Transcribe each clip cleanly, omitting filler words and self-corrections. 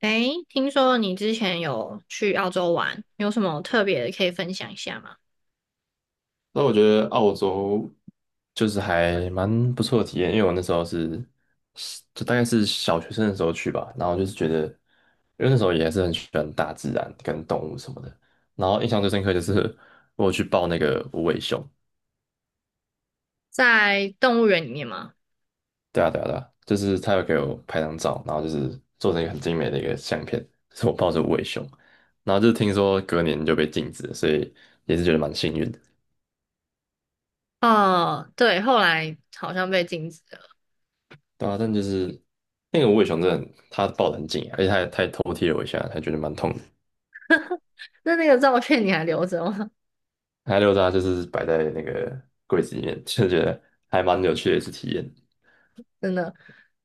诶，听说你之前有去澳洲玩，有什么特别的可以分享一下吗？那我觉得澳洲就是还蛮不错的体验，因为我那时候就大概是小学生的时候去吧。然后就是觉得，因为那时候也是很喜欢大自然跟动物什么的，然后印象最深刻就是我有去抱那个无尾熊。在动物园里面吗？对啊，对啊，对啊，就是他有给我拍张照，然后就是做成一个很精美的一个相片，是我抱着无尾熊。然后就是听说隔年就被禁止了，所以也是觉得蛮幸运的。哦，对，后来好像被禁止了。对啊，但就是那个无尾熊真的，它抱得很紧，啊，而且它也偷踢了我一下，还觉得蛮痛的。那个照片你还留着吗？它溜达就是摆在那个柜子里面，就觉得还蛮有趣的一次体验。真的，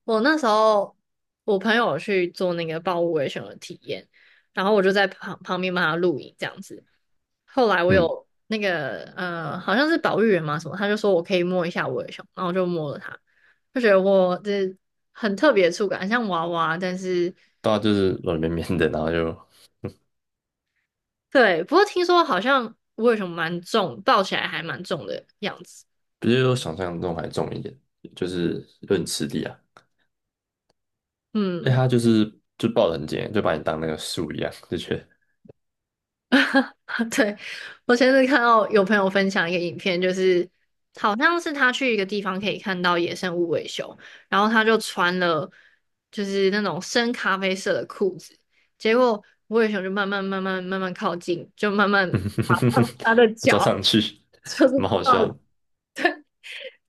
我那时候我朋友去做那个豹无伪熊的体验，然后我就在旁边帮他录影这样子。后来我嗯，有那个好像是保育员嘛什么，他就说我可以摸一下我的熊，然后就摸了它，就觉得我这很特别的触感，很像娃娃，但是对啊，就是软绵绵的，然后就对，不过听说好像无什熊蛮重，抱起来还蛮重的样子，比我想象中还重一点，就是有点吃力啊。哎，嗯。它就是就抱得很紧，就把你当那个树一样，就觉得 对，我前阵看到有朋友分享一个影片，就是好像是他去一个地方可以看到野生无尾熊，然后他就穿了就是那种深咖啡色的裤子，结果无尾熊就慢慢慢慢慢慢靠近，就慢慢 他的不知道脚 上去，就是蛮好到笑的。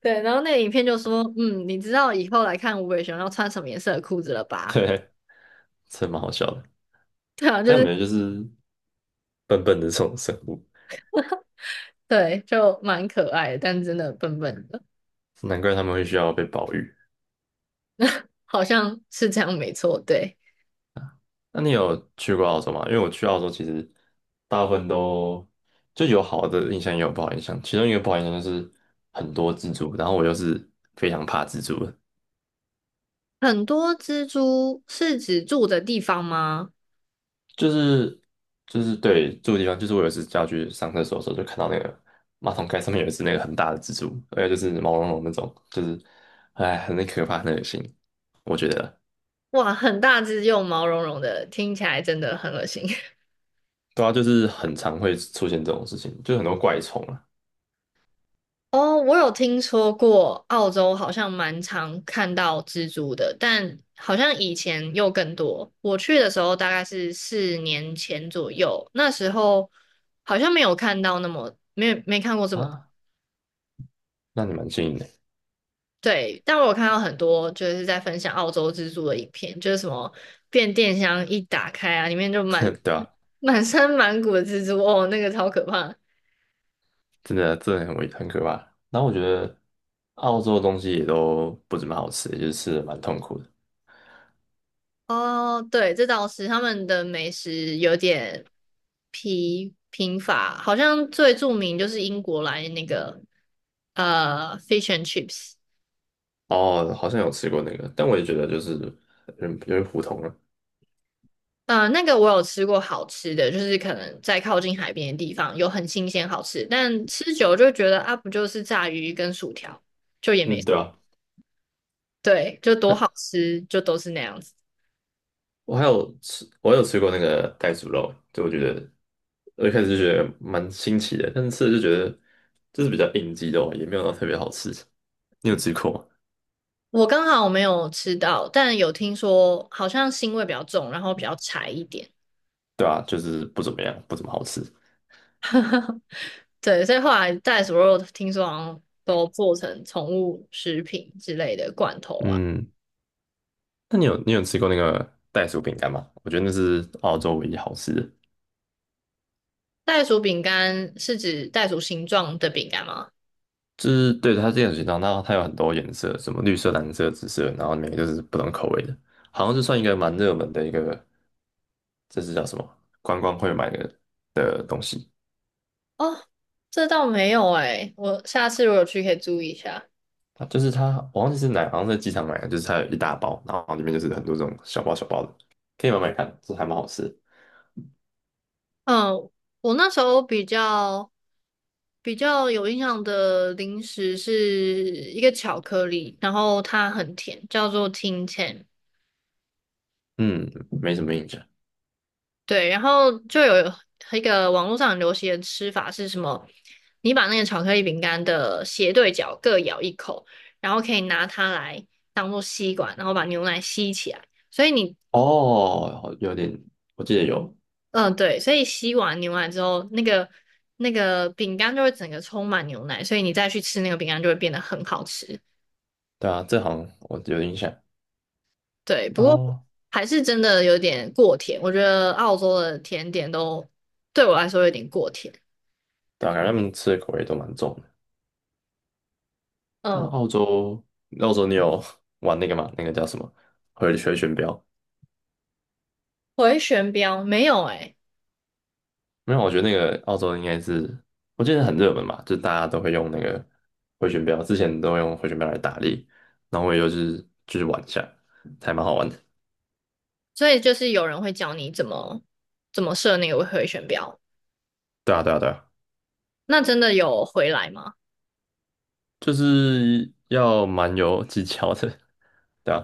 对，然后那个影片就说，嗯，你知道以后来看无尾熊要穿什么颜色的裤子了 吧？对，真的蛮好笑的。对啊，就但感是觉就是笨笨的这种生物，对，就蛮可爱的，但真的笨笨的，难怪他们会需要被保育。好像是这样没错，对。那你有去过澳洲吗？因为我去澳洲其实大部分都就有好的印象，也有不好印象。其中一个不好印象就是很多蜘蛛，然后我又是非常怕蜘蛛的。很多蜘蛛是指住的地方吗？就是就是对住的地方，就是我有一次要去上厕所的时候，就看到那个马桶盖上面有一只那个很大的蜘蛛，而且就是毛茸茸那种，就是哎很可怕，很恶心，我觉得。哇，很大只又毛茸茸的，听起来真的很恶心。对啊，就是很常会出现这种事情，就很多怪虫啊。哦，我有听说过澳洲好像蛮常看到蜘蛛的，但好像以前又更多。我去的时候大概是4年前左右，那时候好像没有看到那么没有没看过这么啊，那你蛮幸运的。对，但我有看到很多就是在分享澳洲蜘蛛的影片，就是什么变电箱一打开啊，里面就满 对吧？满身满谷的蜘蛛，哦，那个超可怕。真的真的很可怕。然后我觉得澳洲的东西也都不怎么好吃，就是吃的蛮痛苦的。哦，对，这倒是他们的美食有点疲贫乏，好像最著名就是英国来那个fish and chips。哦，好像有吃过那个，但我也觉得就是有点普通了。呃，那个我有吃过好吃的，就是可能在靠近海边的地方有很新鲜好吃，但吃久了就会觉得啊，不就是炸鱼跟薯条，就也没，嗯，对啊，对，就多好吃，就都是那样子。我有吃过那个袋鼠肉，就我觉得我一开始就觉得蛮新奇的，但是吃了就觉得就是比较应激肉，也没有到特别好吃。你有吃过吗？我刚好没有吃到，但有听说好像腥味比较重，然后比较柴一点。对啊，就是不怎么样，不怎么好吃。对，所以后来袋鼠肉听说好像都做成宠物食品之类的罐头啊。嗯，那你有吃过那个袋鼠饼干吗？我觉得那是澳洲唯一好吃的。袋鼠饼干是指袋鼠形状的饼干吗？就是对它这样形状，后它有很多颜色，什么绿色、蓝色、紫色，然后每个就是不同口味的，好像是算一个蛮热门的一个。这是叫什么？观光会买的东西。哦，这倒没有诶，我下次如果去可以注意一下。它就是它，我忘记是哪，好像在机场买的，就是它有一大包，然后里面就是很多这种小包小包的，可以买买看，这还蛮好吃的。嗯，我那时候比较有印象的零食是一个巧克力，然后它很甜，叫做 Tin Tan。嗯，没什么印象。对，然后就有一个网络上很流行的吃法是什么？你把那个巧克力饼干的斜对角各咬一口，然后可以拿它来当做吸管，然后把牛奶吸起来。所以你哦，有点，我记得有。嗯，对，所以吸完牛奶之后，那个饼干就会整个充满牛奶，所以你再去吃那个饼干就会变得很好吃。对啊，这好像我有印象。对，不过哦，还是真的有点过甜，我觉得澳洲的甜点都对我来说有点过甜。对啊，感觉他们吃的口味都蛮重的。但嗯，澳洲，澳洲你有玩那个吗？那个叫什么？回旋镖？回旋镖没有诶、没有，我觉得那个澳洲应该是，我记得很热门嘛，就大家都会用那个回旋镖，之前都用回旋镖来打猎，然后我也就是玩一下，还蛮好玩的。所以就是有人会教你怎么设那个回旋镖，对啊，对啊，对啊，那真的有回来吗？就是要蛮有技巧的，对啊。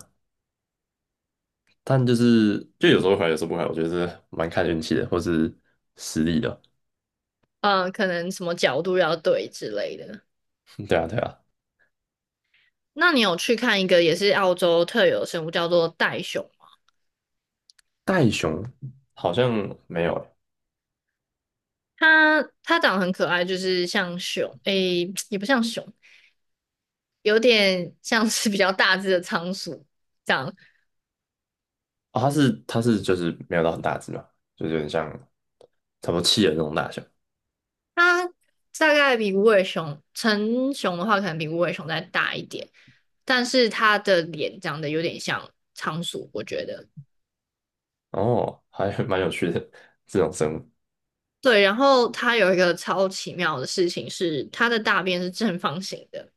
但就是就有时候会，有时候不会，我觉得是蛮看运气的，或是实力的。嗯，可能什么角度要对之类的。对啊，对啊。那你有去看一个也是澳洲特有的生物叫做袋熊？袋熊好像没有欸。它长得很可爱，就是像熊，诶、也不像熊，有点像是比较大只的仓鼠这样。哦，它是就是没有到很大只嘛，就是有点像差不多企鹅那种大小。它大概比无尾熊，成熊的话可能比无尾熊再大一点，但是它的脸长得有点像仓鼠，我觉得。哦，还蛮有趣的这种生物。对，然后它有一个超奇妙的事情是，它的大便是正方形的。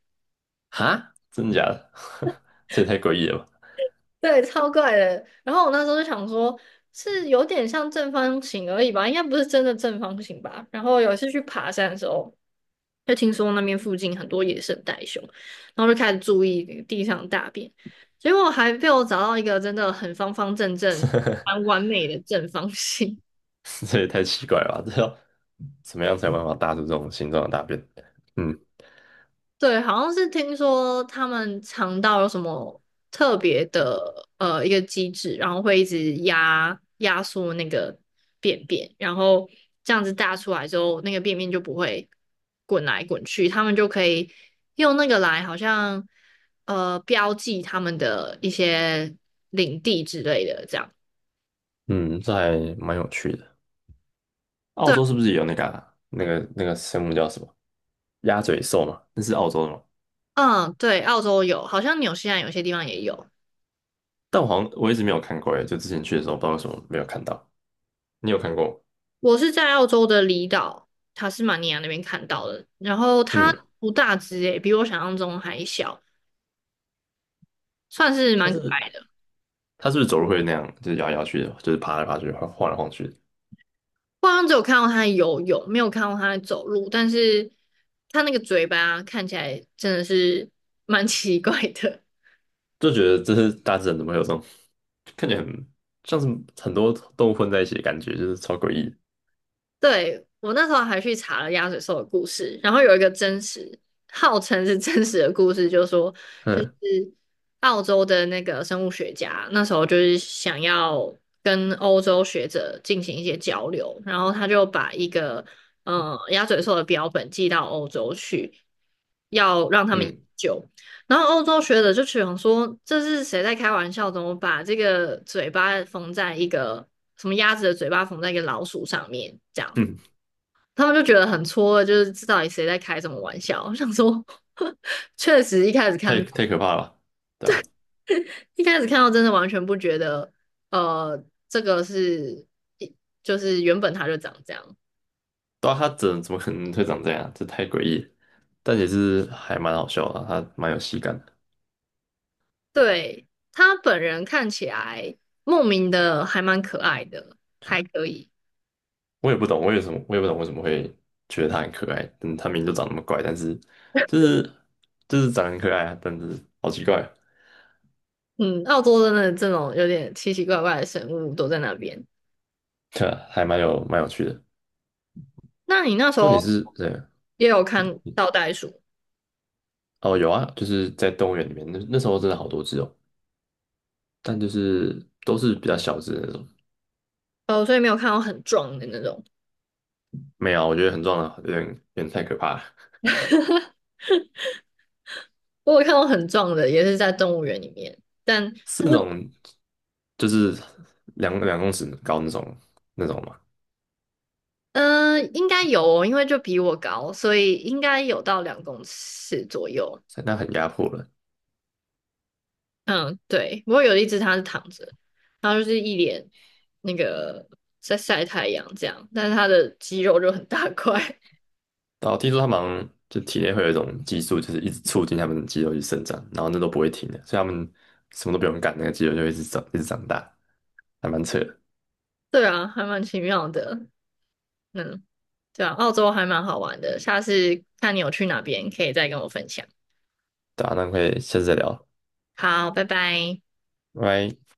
哈，真的假的？这也太诡异了吧！对，超怪的。然后我那时候就想说，是有点像正方形而已吧，应该不是真的正方形吧。然后有一次去爬山的时候，就听说那边附近很多野生袋熊，然后就开始注意地上的大便，结果还被我找到一个真的很方方正正、蛮 完美的正方形。这也太奇怪了吧！这要怎么样才有办法搭出这种形状的大便？嗯。对，好像是听说他们肠道有什么特别的一个机制，然后会一直压缩那个便便，然后这样子大出来之后，那个便便就不会滚来滚去，他们就可以用那个来好像标记他们的一些领地之类的，这样。嗯，这还蛮有趣的。澳对，洲是不是也有那个生物叫什么鸭嘴兽嘛？那是澳洲的吗？嗯，对，澳洲有，好像纽西兰有些地方也有。但我好像一直没有看过耶，就之前去的时候不知道为什么没有看到。你有看过吗？我是在澳洲的离岛塔斯马尼亚那边看到的，然后它嗯，不大只诶，比我想象中还小，算是它蛮可是爱的。他是不是走路会那样，就是摇来摇去的，就是爬来爬去，晃来晃去的。我好像只有看到它游泳，没有看到它走路，但是它那个嘴巴看起来真的是蛮奇怪的。就觉得这是大自然怎么会有这种看起来很像是很多动物混在一起的感觉，就是超诡异的。对，我那时候还去查了鸭嘴兽的故事，然后有一个真实，号称是真实的故事，就是说，就是嗯，澳洲的那个生物学家那时候就是想要跟欧洲学者进行一些交流，然后他就把一个鸭嘴兽的标本寄到欧洲去，要让他们研嗯，究。然后欧洲学者就想说，这是谁在开玩笑？怎么把这个嘴巴缝在一个什么鸭子的嘴巴缝在一个老鼠上面？嗯，他们就觉得很错愕就是这到底谁在开什么玩笑？我想说，确实太可怕了吧。对啊，一开始看到真的完全不觉得，呃，这个是就是原本他就长这样。对啊，它怎么可能会长这样？这太诡异了。但也是还蛮好笑的啊，它蛮有喜感的。对，他本人看起来莫名的还蛮可爱的，还可以。我也不懂为什么会觉得它很可爱。嗯，它明明就长那么怪，但是就是就是长得很可爱啊。但是好奇怪啊，嗯，澳洲真的这种有点奇奇怪怪的生物都在那边。对啊，还蛮有趣的。那你那时重点候是，对，也有看到袋鼠，哦，有啊，就是在动物园里面，那时候真的好多只哦，但就是都是比较小只的那种。哦，所以没有看到很壮的那种。没有啊，我觉得很壮的，有点太可怕了。我有看到很壮的，也是在动物园里面，但是那种就是两公尺高那种嘛，嗯、应该有哦因为就比我高，所以应该有到2公尺左右。那很压迫了。嗯，对。不过有一只它是躺着，它就是一脸那个在晒太阳这样，但是它的肌肉就很大块。然后听说他们好像就体内会有一种激素，就是一直促进他们的肌肉去生长，然后那都不会停的，所以他们什么都不用干，那个肌肉就会一直长一直长大，还蛮扯的。对啊，还蛮奇妙的。嗯，对啊，澳洲还蛮好玩的，下次看你有去哪边，可以再跟我分享。对啊，那可以下次再聊，好，拜拜。拜拜。